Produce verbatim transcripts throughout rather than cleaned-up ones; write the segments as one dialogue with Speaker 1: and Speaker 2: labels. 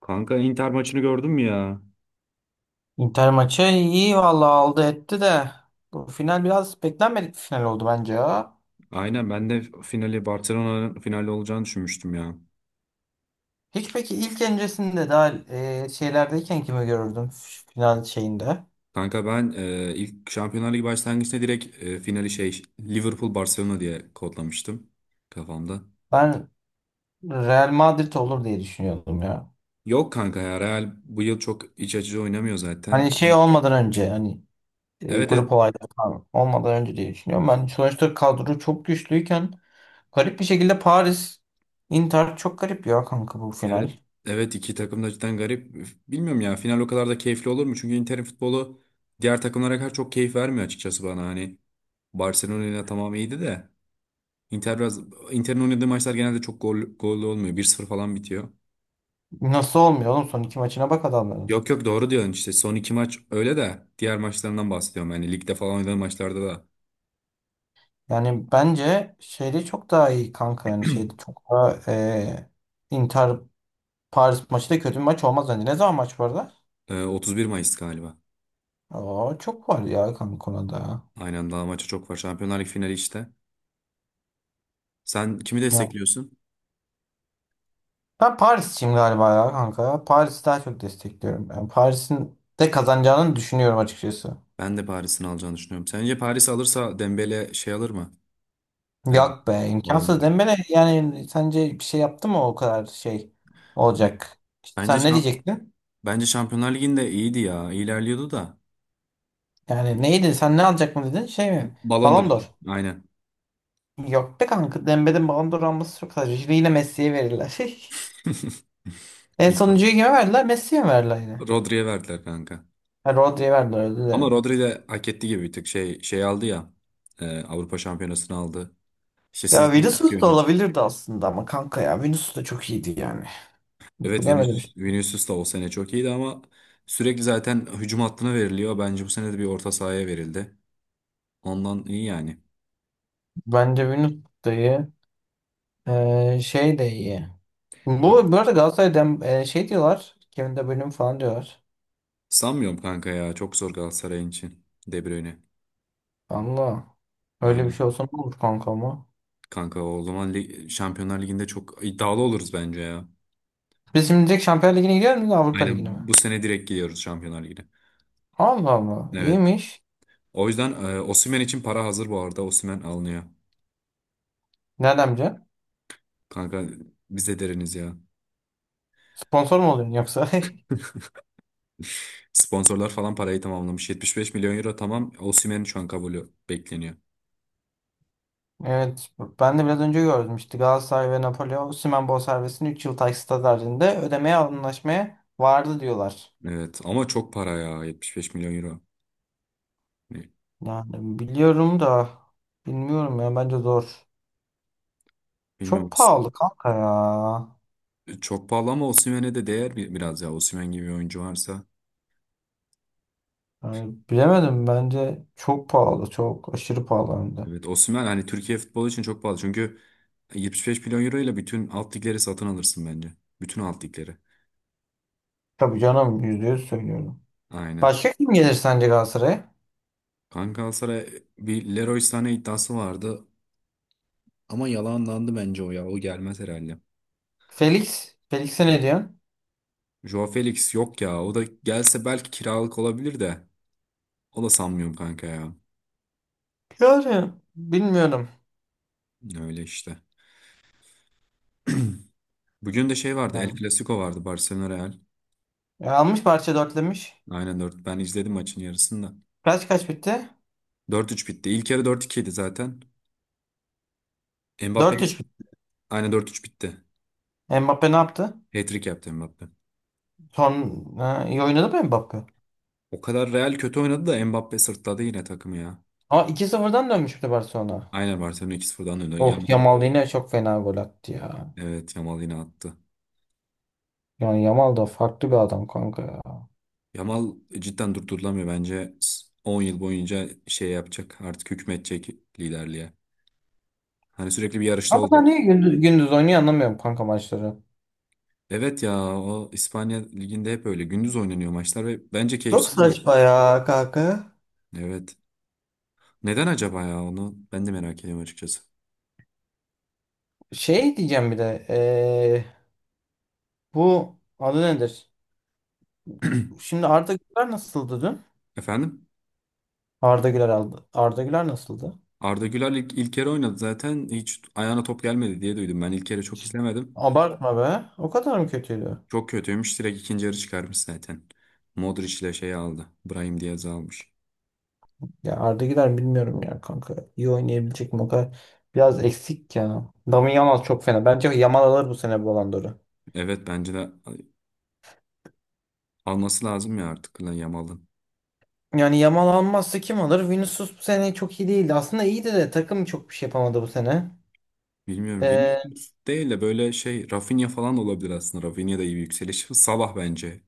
Speaker 1: Kanka Inter maçını gördün mü ya?
Speaker 2: Inter maçı iyi vallahi aldı etti de bu final biraz beklenmedik bir final oldu bence ya.
Speaker 1: Aynen, ben de finali Barcelona'nın finali olacağını düşünmüştüm ya.
Speaker 2: Hiç peki ilk öncesinde daha e, şeylerdeyken kimi görürdüm f- final şeyinde?
Speaker 1: Kanka ben e, ilk Şampiyonlar Ligi başlangıçta direkt e, finali şey Liverpool Barcelona diye kodlamıştım kafamda.
Speaker 2: Ben Real Madrid olur diye düşünüyordum ya.
Speaker 1: Yok kanka ya, Real bu yıl çok iç açıcı oynamıyor zaten.
Speaker 2: Hani şey olmadan önce hani e,
Speaker 1: Evet, evet,
Speaker 2: grup olayları falan olmadan önce diye düşünüyorum. Ben sonuçta kadro çok güçlüyken garip bir şekilde Paris Inter çok garip ya kanka bu final.
Speaker 1: evet, evet, iki takım da cidden garip. Bilmiyorum ya, final o kadar da keyifli olur mu? Çünkü Inter'in futbolu diğer takımlara kadar çok keyif vermiyor açıkçası bana. Hani Barcelona ile tamam iyiydi de. Inter biraz Inter'in oynadığı maçlar genelde çok gol, gollü olmuyor. Bir sıfır falan bitiyor.
Speaker 2: Nasıl olmuyor oğlum son iki maçına bak adamların.
Speaker 1: Yok, yok, doğru diyorsun işte. Son iki maç öyle de diğer maçlarından bahsediyorum. Yani ligde falan oynadığı maçlarda da.
Speaker 2: Yani bence şeyde çok daha iyi kanka yani şeyde çok daha e, Inter Paris maçı da kötü bir maç olmaz bence. Ne zaman maç var da?
Speaker 1: Ee, otuz bir Mayıs galiba.
Speaker 2: Oo, çok var ya kanka konuda ya.
Speaker 1: Aynen, daha maça çok var. Şampiyonlar Ligi finali işte. Sen kimi
Speaker 2: Ya
Speaker 1: destekliyorsun?
Speaker 2: ben Paris'ciyim galiba ya kanka. Paris'i daha çok destekliyorum. Yani Paris'in de kazanacağını düşünüyorum açıkçası.
Speaker 1: Ben de Paris'in alacağını düşünüyorum. Sence Paris alırsa Dembele şey alır mı? Ee,
Speaker 2: Yok be,
Speaker 1: Ballon
Speaker 2: imkansız
Speaker 1: d'Or.
Speaker 2: Dembele, yani sence bir şey yaptı mı o kadar şey olacak? İşte
Speaker 1: Bence
Speaker 2: sen ne
Speaker 1: şa-
Speaker 2: diyecektin?
Speaker 1: bence Şampiyonlar Ligi'nde iyiydi ya. İlerliyordu da.
Speaker 2: Yani neydi, sen ne alacak mı dedin, şey mi?
Speaker 1: Ballon d'Or.
Speaker 2: Ballon d'Or.
Speaker 1: Aynen.
Speaker 2: Yok be kanka. Dembe'nin Ballon d'Or alması çok saçma. Şimdi yine Messi'ye verirler. En
Speaker 1: İnşallah.
Speaker 2: sonuncuyu kime verdiler? Messi'ye mi verdiler yine.
Speaker 1: Rodri'ye verdiler kanka.
Speaker 2: Ha, Rodri'ye verdiler, özür
Speaker 1: Ama
Speaker 2: dilerim.
Speaker 1: Rodri de hak etti gibi, bir tık şey şey aldı ya. e, Avrupa Şampiyonası'nı aldı. İşte
Speaker 2: Ya
Speaker 1: sizde çok
Speaker 2: Vinicius da
Speaker 1: yönü.
Speaker 2: olabilirdi aslında ama kanka ya Vinicius da çok iyiydi yani.
Speaker 1: Evet,
Speaker 2: Bilemedim işte.
Speaker 1: Vinicius, Vinicius da o sene çok iyiydi ama sürekli zaten hücum hattına veriliyor. Bence bu sene de bir orta sahaya verildi. Ondan iyi yani.
Speaker 2: Bence Vinicius da iyi. Ee, şey de iyi. Bu,
Speaker 1: Yap.
Speaker 2: bu arada Galatasaray'dan e, şey diyorlar. Kevin De Bruyne falan diyorlar.
Speaker 1: Sanmıyorum kanka ya. Çok zor Galatasaray'ın için. De Bruyne.
Speaker 2: Allah. Öyle bir
Speaker 1: Aynen.
Speaker 2: şey olsa ne olur kanka ama.
Speaker 1: Kanka o zaman lig- Şampiyonlar Ligi'nde çok iddialı oluruz bence ya.
Speaker 2: Biz şimdi direkt Şampiyonlar Ligi'ne gidiyor muyuz, Avrupa
Speaker 1: Aynen,
Speaker 2: Ligi'ne mi?
Speaker 1: bu sene direkt gidiyoruz Şampiyonlar Ligi'ne.
Speaker 2: Allah Allah.
Speaker 1: Evet.
Speaker 2: İyiymiş.
Speaker 1: O yüzden e, Osimhen için para hazır bu arada. Osimhen alınıyor.
Speaker 2: Nereden bileceksin?
Speaker 1: Kanka biz de deriniz ya.
Speaker 2: Sponsor mu oluyorsun yoksa?
Speaker 1: Sponsorlar falan parayı tamamlamış. yetmiş beş milyon euro tamam. Osimhen şu an kabulü bekleniyor.
Speaker 2: Evet, ben de biraz önce gördüm işte Galatasaray ve Napoli Osimhen bonservisini üç yıl taksitler halinde ödemeye anlaşmaya vardı diyorlar.
Speaker 1: Evet ama çok para ya, yetmiş beş milyon euro. Ne-
Speaker 2: Yani biliyorum da bilmiyorum ya, bence zor. Çok
Speaker 1: Bilmiyorum.
Speaker 2: pahalı kanka ya.
Speaker 1: Çok pahalı ama Osimhen'e de değer bi- biraz ya. Osimhen gibi bir oyuncu varsa.
Speaker 2: Yani bilemedim, bence çok pahalı, çok aşırı pahalı hem de.
Speaker 1: Evet, Osimhen hani Türkiye futbolu için çok pahalı. Çünkü yetmiş beş milyon euro ile bütün alt ligleri satın alırsın bence. Bütün alt ligleri.
Speaker 2: Tabii canım, yüzde yüz söylüyorum.
Speaker 1: Aynen.
Speaker 2: Başka kim gelir sence Galatasaray'a?
Speaker 1: Kanka Galatasaray bir Leroy Sané iddiası vardı. Ama yalanlandı bence o ya. O gelmez herhalde.
Speaker 2: Felix. Felix'e ne diyorsun?
Speaker 1: Joao Felix yok ya. O da gelse belki kiralık olabilir de. O da sanmıyorum kanka ya.
Speaker 2: Yani bilmiyorum.
Speaker 1: Öyle işte. Bugün de şey vardı. El
Speaker 2: Yani,
Speaker 1: Clasico vardı. Barcelona Real.
Speaker 2: e, almış parça dörtlemiş.
Speaker 1: Aynen, dört. Ben izledim maçın yarısını da.
Speaker 2: Kaç kaç bitti?
Speaker 1: Dört üç bitti. İlk yarı dört iki idi zaten. Mbappe,
Speaker 2: Dört üç bitti.
Speaker 1: aynen, dört üç bitti.
Speaker 2: Mbappe ne yaptı?
Speaker 1: Hat-trick yaptı Mbappe.
Speaker 2: Son ha, iyi oynadı mı Mbappe?
Speaker 1: O kadar Real kötü oynadı da Mbappe sırtladı yine takımı ya.
Speaker 2: Ama iki sıfırdan dönmüş, sıfırdan dönmüştü Barcelona.
Speaker 1: Aynen Barcelona iki sıfırdan öyle.
Speaker 2: Of,
Speaker 1: Yamal,
Speaker 2: Yamal yine çok fena gol attı ya.
Speaker 1: evet, Yamal yine attı.
Speaker 2: Yani Yamal da farklı bir adam kanka ya.
Speaker 1: Yamal cidden durdurulamıyor bence. On yıl boyunca şey yapacak. Artık hükmedecek liderliğe. Hani sürekli bir yarışta
Speaker 2: Ama da
Speaker 1: olacak.
Speaker 2: niye gündüz, gündüz oynuyor anlamıyorum kanka maçları.
Speaker 1: Evet ya, o İspanya liginde hep öyle. Gündüz oynanıyor maçlar ve bence
Speaker 2: Çok
Speaker 1: keyifsiz oluyor.
Speaker 2: saçma ya kanka.
Speaker 1: Evet. Neden acaba ya, onu ben de merak ediyorum açıkçası.
Speaker 2: Şey diyeceğim bir de. eee, bu adı nedir? Şimdi Arda Güler nasıldı dün?
Speaker 1: Efendim?
Speaker 2: Arda Güler aldı. Arda Güler nasıldı?
Speaker 1: Arda Güler ilk, ilk kere oynadı zaten. Hiç ayağına top gelmedi diye duydum. Ben ilk kere çok izlemedim.
Speaker 2: Abartma be. O kadar mı kötüydü?
Speaker 1: Çok kötüymüş. Direkt ikinci yarı çıkarmış zaten. Modric ile şey aldı. Brahim Diaz'ı almış.
Speaker 2: Ya Arda Güler bilmiyorum ya kanka. İyi oynayabilecek mi o kadar? Biraz eksik ya. Dami Yamal çok fena. Bence Yamal alır bu sene bu Ballon d'Or'u.
Speaker 1: Evet, bence de alması lazım ya artık lan Yamal'ın.
Speaker 2: Yani Yamal almazsa kim alır? Vinicius bu sene çok iyi değildi. Aslında iyiydi de takım çok bir şey yapamadı bu sene.
Speaker 1: Bilmiyorum.
Speaker 2: Ee,
Speaker 1: Vinicius değil de böyle şey Rafinha falan da olabilir aslında. Rafinha da iyi bir yükseliş. Salah bence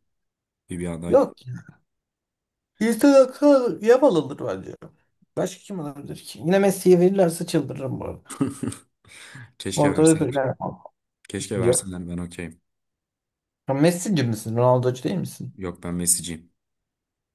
Speaker 1: iyi bir aday.
Speaker 2: yok ya. İnsan aklı Yamal alır bence. Başka kim alabilir ki? Yine Messi'ye verirlerse çıldırırım bu arada.
Speaker 1: Keşke
Speaker 2: Ortada
Speaker 1: verseler.
Speaker 2: verirler.
Speaker 1: Keşke
Speaker 2: Yok.
Speaker 1: verseler, ben okeyim.
Speaker 2: Ya Messi'ci misin? Ronaldo'cu değil misin?
Speaker 1: Yok, ben Messi'ciyim.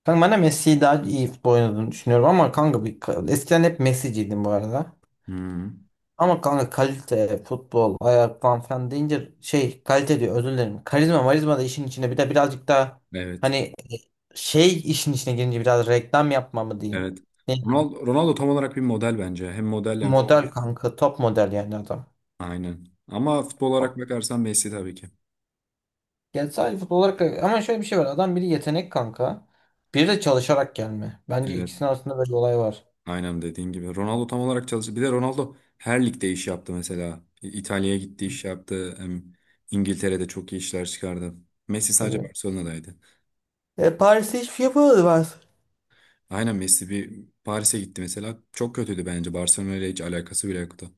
Speaker 2: Kanka ben de Messi'yi daha iyi futbol oynadığını düşünüyorum ama kanka bir, eskiden hep Messi'ciydim bu arada.
Speaker 1: Hı.
Speaker 2: Ama kanka kalite, futbol, ayak falan falan deyince şey kalite diyor, özür dilerim. Karizma marizma da işin içine bir de birazcık daha
Speaker 1: Evet.
Speaker 2: hani e, şey işin içine girince biraz reklam yapma mı diyeyim.
Speaker 1: Evet.
Speaker 2: Ne,
Speaker 1: Ronaldo, Ronaldo tam olarak bir model bence. Hem model hem
Speaker 2: model
Speaker 1: futbol.
Speaker 2: kanka, top model yani adam.
Speaker 1: Aynen. Ama futbol olarak bakarsan Messi tabii ki.
Speaker 2: Yani sadece futbol olarak ama şöyle bir şey var, adam biri yetenek kanka. Biri de çalışarak gelme. Bence
Speaker 1: Evet.
Speaker 2: ikisinin arasında böyle bir olay var.
Speaker 1: Aynen dediğin gibi. Ronaldo tam olarak çalıştı. Bir de Ronaldo her ligde iş yaptı mesela. İtalya'ya gitti, iş yaptı. Hem İngiltere'de çok iyi işler çıkardı. Messi sadece
Speaker 2: Tabii.
Speaker 1: Barcelona'daydı.
Speaker 2: E, Paris'te hiçbir şey yapamadı Paris.
Speaker 1: Aynen, Messi bir Paris'e gitti mesela. Çok kötüydü bence. Barcelona ile hiç alakası bile yoktu.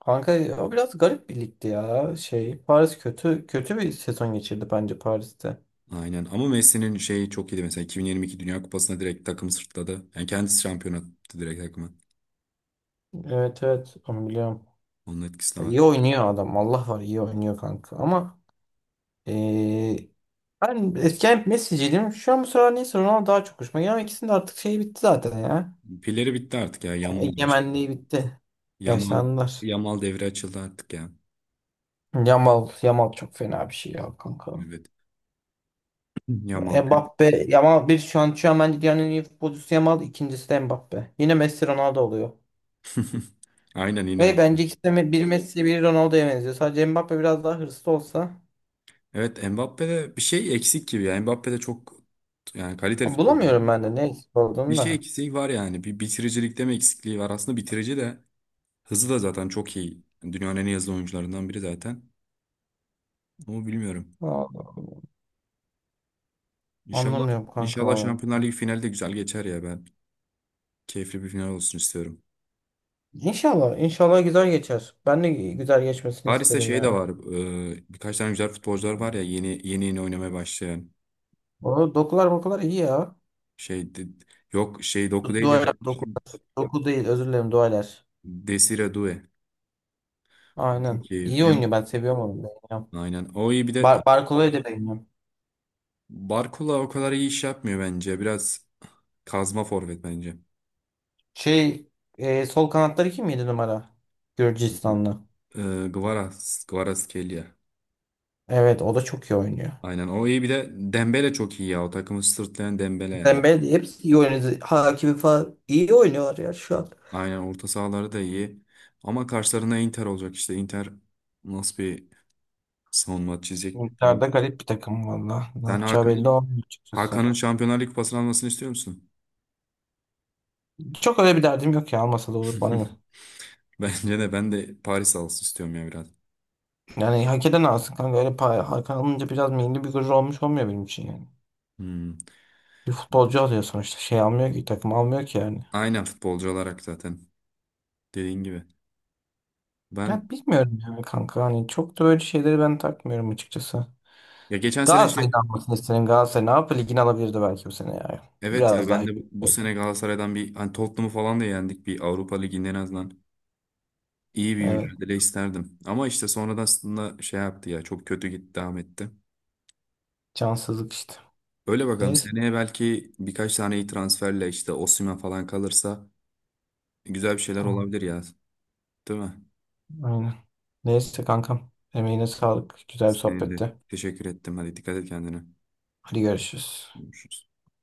Speaker 2: Kanka o biraz garip bir ligdi ya. Şey Paris kötü kötü bir sezon geçirdi bence Paris'te.
Speaker 1: Aynen, ama Messi'nin şeyi çok iyiydi mesela, iki bin yirmi iki Dünya Kupası'nda direkt takımı sırtladı. Yani kendisi şampiyon attı direkt takımı.
Speaker 2: Evet, evet onu biliyorum.
Speaker 1: Onun etkisi de var.
Speaker 2: İyi oynuyor adam. Allah var iyi oynuyor kanka. Ama eee ben eskiden hep Messi'ciydim. Şu an bu sıralar neyse Ronaldo daha çok hoşuma gidiyor. Ama ikisinin de artık şeyi bitti zaten ya.
Speaker 1: Pilleri bitti artık ya. Yamal başladı.
Speaker 2: Egemenliği bitti.
Speaker 1: Yamal
Speaker 2: Yaşlandılar.
Speaker 1: Yamal devre açıldı artık ya.
Speaker 2: Yamal, Yamal çok fena bir şey ya kanka.
Speaker 1: Evet. Yamal.
Speaker 2: Mbappe, Yamal bir şu an şu an bence dünyanın en iyi futbolcusu Yamal, ikincisi de Mbappe. Yine Messi Ronaldo oluyor.
Speaker 1: Aynen yine.
Speaker 2: Ve
Speaker 1: O.
Speaker 2: bence ikisi de bir Messi bir Ronaldo'ya benziyor. Sadece Mbappe biraz daha hırslı olsa.
Speaker 1: Evet, Mbappe'de bir şey eksik gibi ya. Mbappe'de çok, yani, kaliteli
Speaker 2: Ama bulamıyorum
Speaker 1: futbolcu.
Speaker 2: ben de ne eksik
Speaker 1: Bir
Speaker 2: olduğunu
Speaker 1: şey
Speaker 2: da.
Speaker 1: eksiği var yani. Bir bitiricilikte mi eksikliği var? Aslında bitirici de hızı da zaten çok iyi. Dünyanın en iyi hızlı oyuncularından biri zaten. Ama bilmiyorum.
Speaker 2: Vallahi
Speaker 1: İnşallah,
Speaker 2: anlamıyorum kanka
Speaker 1: inşallah,
Speaker 2: vallahi.
Speaker 1: Şampiyonlar Ligi finali de güzel geçer ya ben. Keyifli bir final olsun istiyorum.
Speaker 2: İnşallah, inşallah güzel geçer. Ben de güzel geçmesini
Speaker 1: Paris'te
Speaker 2: isterim
Speaker 1: şey de
Speaker 2: ya.
Speaker 1: var. e, birkaç tane güzel futbolcular var ya, yeni yeni yeni oynamaya başlayan.
Speaker 2: O dokular bokular iyi ya.
Speaker 1: Şey de- yok şey, Doku
Speaker 2: Du-
Speaker 1: değil ya.
Speaker 2: Duayla doku, doku değil, özür dilerim, duaylar.
Speaker 1: Desire Doué. O
Speaker 2: Aynen.
Speaker 1: çok iyi.
Speaker 2: İyi
Speaker 1: Em,
Speaker 2: oynuyor, ben seviyorum onu. Beğeniyorum.
Speaker 1: aynen. O iyi, bir de
Speaker 2: Bar Barkola'yı da beğeniyorum.
Speaker 1: Barcola o kadar iyi iş yapmıyor bence. Biraz kazma forvet bence.
Speaker 2: Şey, e, sol kanatları kim, yedi numara? Gürcistanlı.
Speaker 1: E, Kvaras, Kvaratskhelia.
Speaker 2: Evet, o da çok iyi oynuyor.
Speaker 1: Aynen, o iyi, bir de Dembele çok iyi ya, o takımı sırtlayan Dembele yani.
Speaker 2: Dembele, hepsi iyi oynuyor. Hakimi falan iyi oynuyorlar ya şu an.
Speaker 1: Aynen, orta sahaları da iyi. Ama karşılarına Inter olacak işte, Inter nasıl bir savunma çizecek
Speaker 2: Miktarda
Speaker 1: bilmiyorum.
Speaker 2: garip bir takım valla. Ne
Speaker 1: Sen
Speaker 2: yapacağı belli
Speaker 1: Hakan'ın
Speaker 2: olmuyor açıkçası.
Speaker 1: Hakan'ın Şampiyonlar Ligi kupasını almasını istiyor musun?
Speaker 2: Çok öyle bir derdim yok ya, almasa da olur, bana ne.
Speaker 1: Bence de, ben de Paris alsın istiyorum ya biraz.
Speaker 2: Yani hak eden alsın kanka, öyle pay, hak alınca biraz milli bir gurur olmuş olmuyor benim için yani.
Speaker 1: Hmm.
Speaker 2: Bir futbolcu alıyor sonuçta, şey almıyor ki, takım almıyor ki yani.
Speaker 1: Aynen, futbolcu olarak zaten dediğin gibi. Ben
Speaker 2: Ya bilmiyorum yani kanka, hani çok da böyle şeyleri ben takmıyorum açıkçası.
Speaker 1: ya, geçen sene
Speaker 2: Galatasaray'ın
Speaker 1: şey,
Speaker 2: almasını isterim, Galatasaray ne yapıyor, ligini alabilirdi belki bu sene ya.
Speaker 1: evet ya,
Speaker 2: Biraz daha
Speaker 1: ben
Speaker 2: iyi
Speaker 1: de bu, bu
Speaker 2: olsaydı.
Speaker 1: sene Galatasaray'dan bir hani Tottenham'ı falan da yendik, bir Avrupa Ligi'nde en azından. İyi bir
Speaker 2: Evet,
Speaker 1: mücadele isterdim. Ama işte sonradan aslında şey yaptı ya, çok kötü gitti, devam etti.
Speaker 2: cansızlık işte.
Speaker 1: Öyle, bakalım
Speaker 2: Neyse,
Speaker 1: seneye belki birkaç tane iyi transferle işte Osimhen falan kalırsa güzel bir şeyler
Speaker 2: tamam,
Speaker 1: olabilir ya. Değil mi?
Speaker 2: aynen. Neyse kankam, emeğine sağlık, güzel bir
Speaker 1: Senin.
Speaker 2: sohbetti.
Speaker 1: Teşekkür ettim. Hadi dikkat et kendine.
Speaker 2: Hadi görüşürüz.
Speaker 1: Görüşürüz.